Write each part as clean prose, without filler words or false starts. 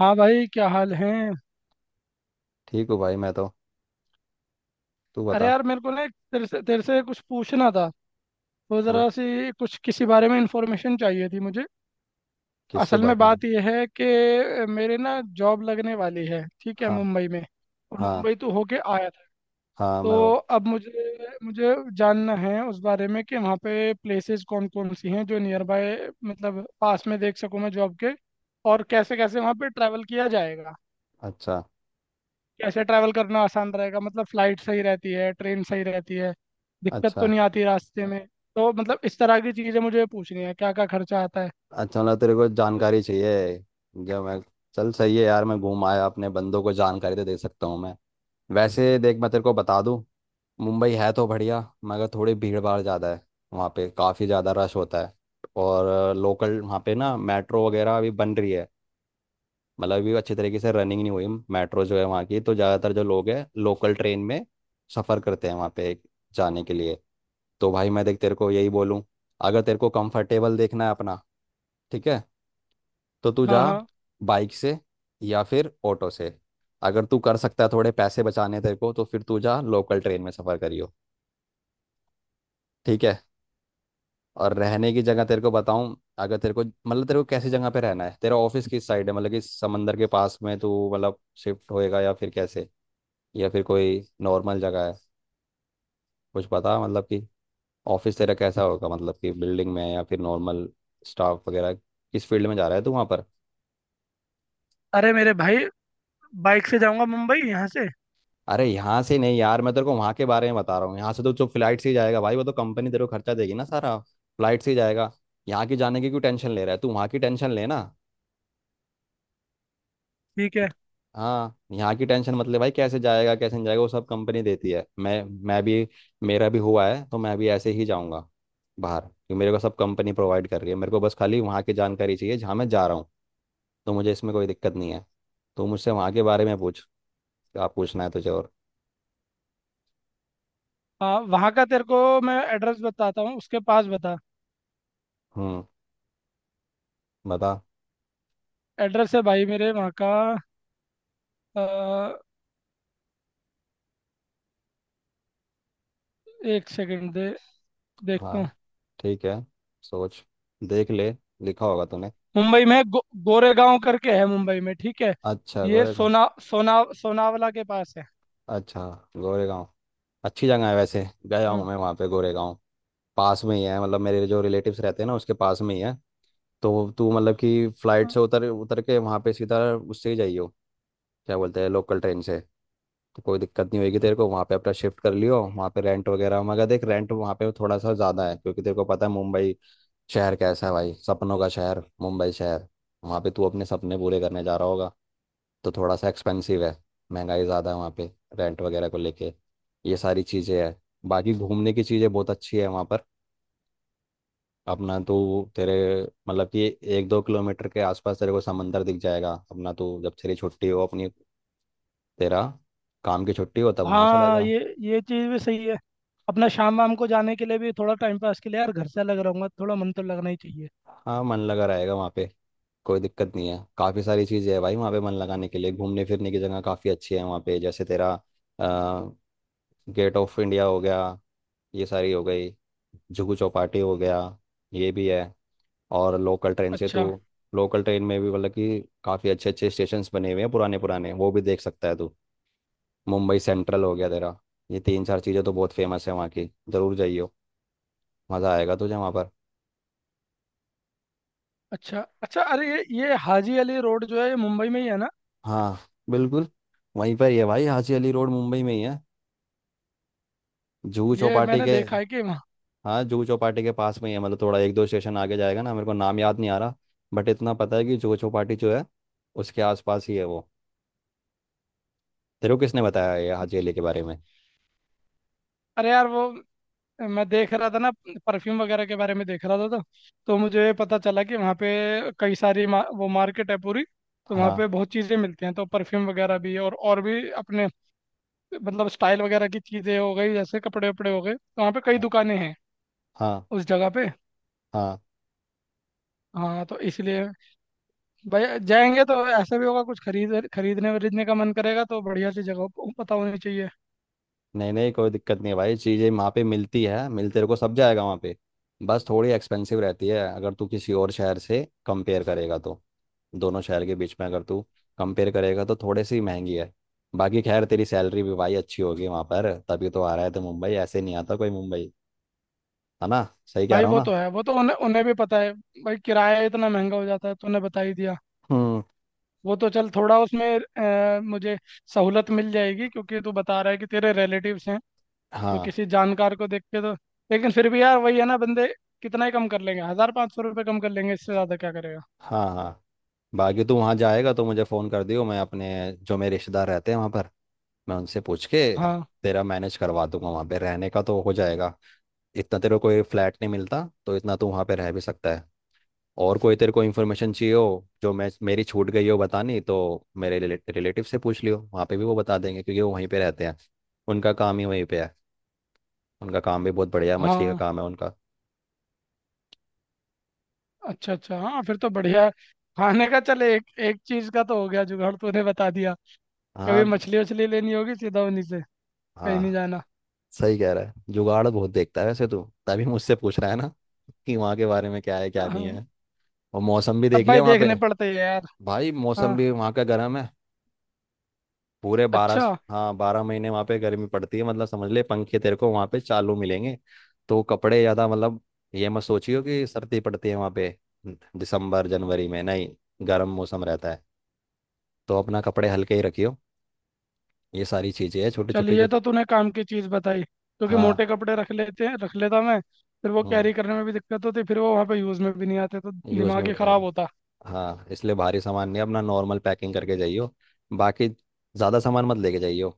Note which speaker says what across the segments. Speaker 1: हाँ भाई, क्या हाल है?
Speaker 2: ठीक हूँ भाई मैं तो। तू
Speaker 1: अरे
Speaker 2: बता।
Speaker 1: यार, मेरे को ना एक तेरे से कुछ पूछना था। तो
Speaker 2: तू
Speaker 1: ज़रा सी कुछ किसी बारे में इंफॉर्मेशन चाहिए थी मुझे।
Speaker 2: किसके
Speaker 1: असल
Speaker 2: बारे
Speaker 1: में
Speaker 2: में।
Speaker 1: बात यह है कि मेरे ना जॉब लगने वाली है, ठीक है,
Speaker 2: हाँ
Speaker 1: मुंबई में। और
Speaker 2: हाँ
Speaker 1: मुंबई तो होके आया था।
Speaker 2: हाँ मैं
Speaker 1: तो
Speaker 2: हूँ।
Speaker 1: अब मुझे मुझे जानना है उस बारे में कि वहाँ पे प्लेसेस कौन कौन सी हैं जो नियर बाय, मतलब पास में देख सकूँ मैं जॉब के। और कैसे कैसे वहाँ पे ट्रैवल किया जाएगा।
Speaker 2: अच्छा
Speaker 1: कैसे ट्रैवल करना आसान रहेगा, मतलब फ्लाइट सही रहती है, ट्रेन सही रहती है, दिक्कत तो
Speaker 2: अच्छा
Speaker 1: नहीं आती रास्ते में। तो मतलब इस तरह की चीज़ें मुझे पूछनी है, क्या क्या खर्चा आता है।
Speaker 2: अच्छा, मतलब तेरे को जानकारी चाहिए। जब मैं चल सही है यार, मैं घूम आया, अपने बंदों को जानकारी तो दे सकता हूँ मैं। वैसे देख, मैं तेरे को बता दूँ। मुंबई है तो बढ़िया, मगर थोड़ी भीड़ भाड़ ज़्यादा है। वहाँ पे काफ़ी ज़्यादा रश होता है। और लोकल वहाँ पे ना मेट्रो वगैरह अभी बन रही है। मतलब अभी अच्छी तरीके से रनिंग नहीं हुई। मेट्रो जो है वहाँ की, तो ज़्यादातर जो लोग हैं लोकल ट्रेन में सफ़र करते हैं वहाँ पे जाने के लिए। तो भाई मैं देख, तेरे को यही बोलूँ, अगर तेरे को कंफर्टेबल देखना है अपना, ठीक है, तो तू
Speaker 1: हाँ,
Speaker 2: जा
Speaker 1: हाँ।
Speaker 2: बाइक से, या फिर ऑटो से। अगर तू कर सकता है थोड़े पैसे बचाने तेरे को, तो फिर तू जा लोकल ट्रेन में सफ़र करियो। ठीक है। और रहने की जगह तेरे को बताऊं, अगर तेरे को मतलब तेरे को कैसी जगह पे रहना है, तेरा ऑफिस किस साइड है, मतलब कि समंदर के पास में तू मतलब शिफ्ट होएगा या फिर कैसे। या फिर कोई नॉर्मल जगह है। कुछ पता मतलब कि ऑफिस तेरा कैसा होगा, मतलब कि बिल्डिंग में या फिर नॉर्मल। स्टाफ वगैरह किस फील्ड में जा रहा है तू वहाँ पर।
Speaker 1: अरे मेरे भाई, बाइक से जाऊंगा मुंबई यहाँ से।
Speaker 2: अरे यहाँ से नहीं यार, मैं तेरे को वहाँ के बारे में बता रहा हूँ। यहाँ से तो जो फ्लाइट से ही जाएगा भाई, वो तो कंपनी तेरे को खर्चा देगी ना, सारा फ्लाइट से ही जाएगा। यहाँ की जाने की क्यों टेंशन ले रहा है तू, वहाँ की टेंशन लेना।
Speaker 1: ठीक है।
Speaker 2: हाँ यहाँ की टेंशन मतलब भाई कैसे जाएगा कैसे नहीं जाएगा वो सब कंपनी देती है। मैं भी, मेरा भी हुआ है, तो मैं भी ऐसे ही जाऊँगा बाहर, क्योंकि मेरे को सब कंपनी प्रोवाइड कर रही है। मेरे को बस खाली वहाँ की जानकारी चाहिए जहाँ मैं जा रहा हूँ। तो मुझे इसमें कोई दिक्कत नहीं है। तो मुझसे वहाँ के बारे में पूछ। आप पूछना है तुझे और।
Speaker 1: हाँ, वहाँ का तेरे को मैं एड्रेस बताता हूँ, उसके पास बता।
Speaker 2: हम्म। बता।
Speaker 1: एड्रेस है भाई मेरे वहाँ का। अ, एक सेकंड दे, देखता
Speaker 2: हाँ
Speaker 1: हूँ।
Speaker 2: ठीक है, सोच, देख ले, लिखा होगा तूने।
Speaker 1: मुंबई में गोरेगांव करके है मुंबई में, ठीक है।
Speaker 2: अच्छा
Speaker 1: ये
Speaker 2: गोरेगांव।
Speaker 1: सोना सोना सोनावला के पास है।
Speaker 2: अच्छा गोरेगांव, अच्छी जगह है, वैसे गया
Speaker 1: हाँ।
Speaker 2: हूँ मैं वहाँ पे गोरेगांव। पास में ही है मतलब, मेरे जो रिलेटिव्स रहते हैं ना, उसके पास में ही है। तो तू मतलब कि फ्लाइट
Speaker 1: हाँ।
Speaker 2: से उतर उतर के वहाँ पे सीधा उससे ही जाइयो। क्या बोलते हैं, लोकल ट्रेन से। तो कोई दिक्कत नहीं होगी तेरे को वहाँ पे, अपना शिफ्ट कर लियो वहाँ पे, रेंट वगैरह। मगर देख रेंट वहाँ पे थोड़ा सा ज़्यादा है, क्योंकि तेरे को पता है मुंबई शहर कैसा है भाई, सपनों का शहर मुंबई शहर। वहाँ पे तू अपने सपने पूरे करने जा रहा होगा, तो थोड़ा सा एक्सपेंसिव है, महंगाई ज़्यादा है वहाँ पे, रेंट वगैरह को लेके। ये सारी चीज़ें हैं। बाकी घूमने की चीज़ें बहुत अच्छी है वहाँ पर। अपना तू तेरे मतलब कि एक दो किलोमीटर के आसपास तेरे को समंदर दिख जाएगा। अपना तू जब तेरी छुट्टी हो अपनी, तेरा काम की छुट्टी हो, तब वहाँ चला
Speaker 1: हाँ,
Speaker 2: जा।
Speaker 1: ये चीज़ भी सही है। अपना शाम वाम को जाने के लिए भी थोड़ा टाइम पास के लिए, यार घर से अलग रहूंगा, थोड़ा मन तो लगना ही चाहिए।
Speaker 2: हाँ मन लगा रहेगा वहाँ पे, कोई दिक्कत नहीं है। काफ़ी सारी चीज़ें है भाई वहाँ पे मन लगाने के लिए। घूमने फिरने की जगह काफ़ी अच्छी है वहाँ पे, जैसे तेरा गेट ऑफ इंडिया हो गया, ये सारी हो गई, जुहू चौपाटी हो गया, ये भी है। और लोकल ट्रेन से तो,
Speaker 1: अच्छा,
Speaker 2: लोकल ट्रेन में भी मतलब कि काफ़ी अच्छे अच्छे स्टेशंस बने हुए हैं पुराने पुराने, वो भी देख सकता है तू। मुंबई सेंट्रल हो गया तेरा। ये तीन चार चीज़ें तो बहुत फेमस है वहाँ की, ज़रूर जाइयो। मज़ा आएगा तुझे वहाँ पर।
Speaker 1: अच्छा। अच्छा, अरे ये हाजी अली रोड जो है, ये मुंबई में ही है ना?
Speaker 2: हाँ बिल्कुल, वहीं पर ही है भाई, हाजी अली रोड मुंबई में ही है, जुहू
Speaker 1: ये
Speaker 2: चौपाटी
Speaker 1: मैंने
Speaker 2: के।
Speaker 1: देखा है कि वहाँ।
Speaker 2: हाँ जुहू चौपाटी के पास में ही है, मतलब थोड़ा एक दो स्टेशन आगे जाएगा ना, मेरे को नाम याद नहीं आ रहा। बट इतना पता है कि जुहू चौपाटी जो है, उसके आसपास ही है वो। तेरे को किसने बताया ये हाजी
Speaker 1: अच्छा।
Speaker 2: अली के बारे में।
Speaker 1: अरे यार वो, मैं देख रहा था ना, परफ्यूम वगैरह के बारे में देख रहा था तो मुझे पता चला कि वहाँ पे कई सारी वो मार्केट है पूरी। तो वहाँ
Speaker 2: हाँ
Speaker 1: पे बहुत चीज़ें मिलती हैं, तो परफ्यूम वगैरह भी और भी अपने, मतलब स्टाइल वगैरह की चीज़ें हो गई, जैसे कपड़े वपड़े हो गए, तो वहाँ पे कई दुकानें हैं
Speaker 2: हाँ
Speaker 1: उस जगह पे।
Speaker 2: हाँ।
Speaker 1: हाँ, तो इसलिए भाई जाएंगे तो ऐसा भी होगा, कुछ खरीदने वरीदने का मन करेगा, तो बढ़िया सी जगह पता होनी चाहिए।
Speaker 2: नहीं नहीं कोई दिक्कत नहीं है भाई, चीज़ें वहाँ पे मिलती है, मिल तेरे को सब जाएगा वहाँ पे, बस थोड़ी एक्सपेंसिव रहती है, अगर तू किसी और शहर से कंपेयर करेगा तो। दोनों शहर के बीच में अगर तू कंपेयर करेगा तो थोड़ी सी महंगी है। बाकी खैर तेरी सैलरी भी भाई अच्छी होगी वहाँ पर, तभी तो आ रहा है, तो मुंबई ऐसे नहीं आता कोई मुंबई, है ना, सही कह
Speaker 1: भाई
Speaker 2: रहा हूँ
Speaker 1: वो तो
Speaker 2: ना।
Speaker 1: है, वो तो उन्हें उन्हें भी पता है। भाई किराया इतना महंगा हो जाता है, तूने बता ही दिया।
Speaker 2: हम्म।
Speaker 1: वो तो चल, थोड़ा उसमें मुझे सहूलत मिल जाएगी, क्योंकि तू बता रहा है कि तेरे रिलेटिव्स हैं, तो
Speaker 2: हाँ
Speaker 1: किसी जानकार को देख के तो। लेकिन फिर भी यार, वही है ना, बंदे कितना ही कम कर लेंगे, 1,000 500 रुपये कम कर लेंगे, इससे ज़्यादा क्या करेगा।
Speaker 2: हाँ हाँ। बाकी तू वहाँ जाएगा तो मुझे फ़ोन कर दियो, मैं अपने जो मेरे रिश्तेदार रहते हैं वहाँ पर, मैं उनसे पूछ के
Speaker 1: हाँ,
Speaker 2: तेरा मैनेज करवा दूंगा वहाँ पे, रहने का तो हो जाएगा। इतना तेरे को कोई फ्लैट नहीं मिलता, तो इतना तू वहाँ पे रह भी सकता है। और कोई तेरे को इन्फॉर्मेशन चाहिए हो जो मैं मेरी छूट गई हो बतानी, तो मेरे रिलेटिव से पूछ लियो वहाँ पे भी, वो बता देंगे क्योंकि वो वहीं पे रहते हैं, उनका काम ही वहीं पे है। उनका काम भी बहुत बढ़िया मछली का
Speaker 1: हाँ।
Speaker 2: काम है उनका।
Speaker 1: अच्छा, अच्छा। हाँ, फिर तो बढ़िया है। खाने का चल, एक एक चीज का तो हो गया जुगाड़, तूने बता दिया। कभी
Speaker 2: हाँ
Speaker 1: मछली वछली लेनी होगी सीधा उन्हीं से, कहीं नहीं
Speaker 2: हाँ।
Speaker 1: जाना।
Speaker 2: सही कह रहा है, जुगाड़ बहुत देखता है वैसे तू, तभी मुझसे पूछ रहा है ना कि वहाँ के बारे में क्या है क्या
Speaker 1: हाँ।
Speaker 2: नहीं है। और मौसम भी देख
Speaker 1: अब भाई
Speaker 2: लिया वहाँ पे।
Speaker 1: देखने पड़ते हैं यार।
Speaker 2: भाई मौसम
Speaker 1: हाँ।
Speaker 2: भी वहाँ का गर्म है। पूरे 12।
Speaker 1: अच्छा,
Speaker 2: हाँ 12 महीने वहाँ पे गर्मी पड़ती है, मतलब समझ ले पंखे तेरे को वहाँ पे चालू मिलेंगे। तो कपड़े ज़्यादा मतलब, ये मत सोचियो कि सर्दी पड़ती है वहाँ पे। दिसंबर जनवरी में नहीं गर्म मौसम रहता है, तो अपना कपड़े हल्के ही रखियो। ये सारी चीज़ें हैं छोटी
Speaker 1: चल
Speaker 2: छोटी
Speaker 1: ये
Speaker 2: जो।
Speaker 1: तो तूने काम की चीज बताई, क्योंकि
Speaker 2: हाँ
Speaker 1: मोटे कपड़े रख लेते हैं, रख लेता मैं, फिर वो
Speaker 2: हम्म,
Speaker 1: कैरी करने में भी दिक्कत होती, फिर वो वहाँ पे यूज में भी नहीं आते, तो
Speaker 2: यूज़
Speaker 1: दिमाग
Speaker 2: में
Speaker 1: ही
Speaker 2: भी नहीं
Speaker 1: खराब
Speaker 2: आती।
Speaker 1: होता।
Speaker 2: हाँ इसलिए भारी सामान नहीं, अपना नॉर्मल पैकिंग करके जाइयो, बाकी ज़्यादा सामान मत लेके जाइयो,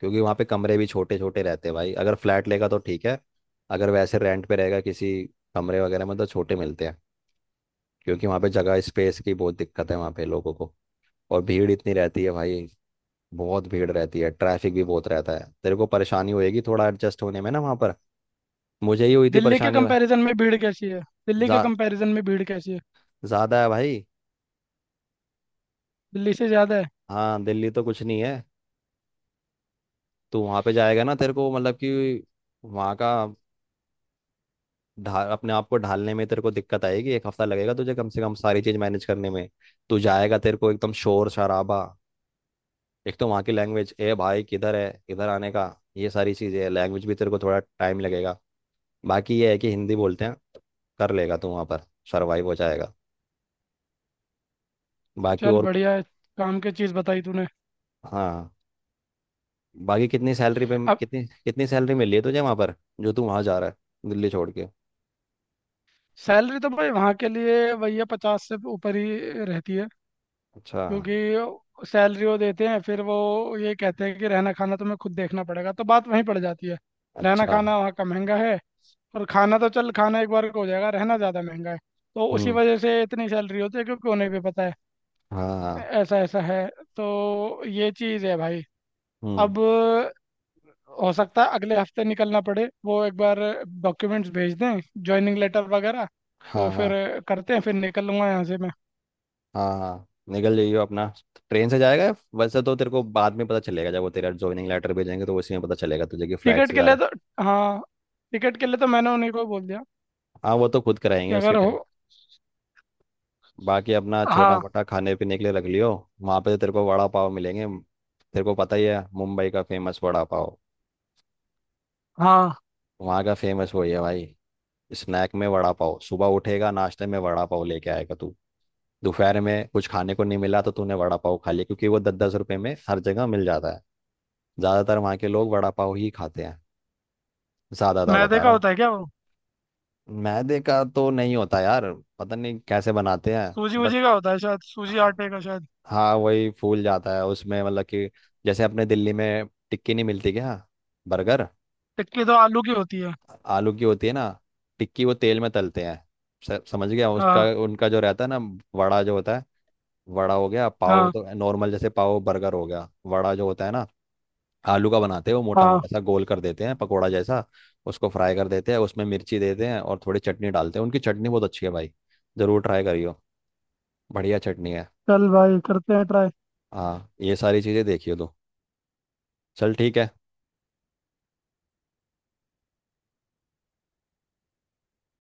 Speaker 2: क्योंकि वहाँ पे कमरे भी छोटे छोटे रहते हैं भाई। अगर फ्लैट लेगा तो ठीक है, अगर वैसे रेंट पे रहेगा किसी कमरे वगैरह में तो छोटे मिलते हैं, क्योंकि वहाँ पे जगह स्पेस की बहुत दिक्कत है वहाँ पे लोगों को। और भीड़ इतनी रहती है भाई, बहुत भीड़ रहती है, ट्रैफिक भी बहुत रहता है, तेरे को परेशानी होएगी थोड़ा एडजस्ट होने में ना वहाँ पर। मुझे ही हुई थी
Speaker 1: दिल्ली के
Speaker 2: परेशानी भाई।
Speaker 1: कंपैरिजन में भीड़ कैसी है दिल्ली
Speaker 2: जा,
Speaker 1: के कंपैरिजन में भीड़ कैसी है?
Speaker 2: ज़्यादा है भाई।
Speaker 1: दिल्ली से ज्यादा है।
Speaker 2: हाँ दिल्ली तो कुछ नहीं है। तू वहाँ पे जाएगा ना, तेरे को मतलब कि वहाँ का ढाल, अपने आप को ढालने में तेरे को दिक्कत आएगी। एक हफ्ता लगेगा तुझे कम से कम सारी चीज मैनेज करने में। तू जाएगा तेरे को एकदम शोर शराबा। एक तो वहाँ की लैंग्वेज, ए भाई किधर है इधर आने का, ये सारी चीजें, लैंग्वेज भी तेरे को थोड़ा टाइम लगेगा। बाकी ये है कि हिंदी बोलते हैं, कर लेगा तू वहाँ पर, सर्वाइव हो जाएगा। बाकी
Speaker 1: चल
Speaker 2: और।
Speaker 1: बढ़िया है, काम की चीज बताई तूने।
Speaker 2: हाँ बाकी
Speaker 1: अब
Speaker 2: कितनी सैलरी मिली है तुझे वहाँ पर, जो तू वहाँ जा रहा है दिल्ली छोड़ के।
Speaker 1: सैलरी तो भाई वहाँ के लिए भैया 50 से ऊपर ही रहती है।
Speaker 2: अच्छा
Speaker 1: क्योंकि सैलरी वो देते हैं, फिर वो ये कहते हैं कि रहना खाना तुम्हें खुद देखना पड़ेगा, तो बात वहीं पड़ जाती है। रहना
Speaker 2: अच्छा।
Speaker 1: खाना वहाँ का महंगा है। और खाना तो चल, खाना एक बार का हो जाएगा, रहना ज़्यादा महंगा है। तो उसी
Speaker 2: हम्म।
Speaker 1: वजह से इतनी सैलरी होती है, क्योंकि उन्हें भी पता है।
Speaker 2: हाँ हाँ।
Speaker 1: ऐसा ऐसा है। तो ये चीज़ है भाई।
Speaker 2: हम्म।
Speaker 1: अब हो सकता है अगले हफ्ते निकलना पड़े। वो एक बार डॉक्यूमेंट्स भेज दें, ज्वाइनिंग लेटर वगैरह, तो
Speaker 2: हाँ
Speaker 1: फिर
Speaker 2: हाँ
Speaker 1: करते हैं, फिर निकल लूंगा यहाँ से मैं।
Speaker 2: हाँ निकल जाइयो अपना। ट्रेन से जाएगा वैसे तो तेरे को बाद में पता चलेगा जब वो तेरा ज्वाइनिंग लेटर भेजेंगे तो उसी में पता चलेगा तुझे कि फ्लाइट
Speaker 1: टिकट
Speaker 2: से
Speaker 1: के
Speaker 2: जा रहा
Speaker 1: लिए
Speaker 2: है।
Speaker 1: तो, हाँ, टिकट के लिए तो मैंने उन्हीं को बोल दिया
Speaker 2: हाँ वो तो खुद कराएंगे
Speaker 1: कि
Speaker 2: उसके
Speaker 1: अगर हो।
Speaker 2: टाइम। बाकी अपना छोटा
Speaker 1: हाँ,
Speaker 2: मोटा खाने पीने के लिए रख लियो। वहाँ पे तो तेरे को वड़ा पाव मिलेंगे, तेरे को पता ही है मुंबई का फेमस वड़ा पाव।
Speaker 1: हाँ।
Speaker 2: वहाँ का फेमस वही है भाई। स्नैक में वड़ा पाव, सुबह उठेगा नाश्ते में वड़ा पाव लेके आएगा तू, दोपहर में कुछ खाने को नहीं मिला तो तूने वड़ा पाव खा लिया, क्योंकि वो 10-10 रुपए में हर जगह मिल जाता है। ज़्यादातर वहाँ के लोग वड़ा पाव ही खाते हैं, ज्यादातर
Speaker 1: मैदे
Speaker 2: बता
Speaker 1: का
Speaker 2: रहा हूँ।
Speaker 1: होता है क्या वो?
Speaker 2: मैदे का तो नहीं होता यार, पता नहीं कैसे बनाते हैं
Speaker 1: सूजी
Speaker 2: बट।
Speaker 1: वूजी का होता है शायद, सूजी
Speaker 2: हाँ।
Speaker 1: आटे का शायद।
Speaker 2: हाँ, वही फूल जाता है उसमें मतलब कि जैसे अपने दिल्ली में टिक्की नहीं मिलती क्या, बर्गर।
Speaker 1: टिक्की तो आलू की होती है।
Speaker 2: आलू की होती है ना, टिक्की वो तेल में तलते हैं। समझ गया उसका
Speaker 1: हाँ।
Speaker 2: उनका जो रहता है ना, वड़ा जो होता है। वड़ा हो गया, पाव
Speaker 1: हाँ।
Speaker 2: तो नॉर्मल जैसे पाव बर्गर हो गया, वड़ा जो होता है ना, आलू का बनाते हैं, वो मोटा
Speaker 1: हाँ,
Speaker 2: मोटा सा गोल कर देते हैं पकोड़ा जैसा, उसको फ्राई कर देते हैं, उसमें मिर्ची देते हैं और थोड़ी चटनी डालते हैं। उनकी चटनी बहुत अच्छी है भाई, ज़रूर ट्राई करियो, बढ़िया चटनी है।
Speaker 1: चल भाई करते हैं ट्राई।
Speaker 2: हाँ ये सारी चीज़ें देखियो तू। चल ठीक है।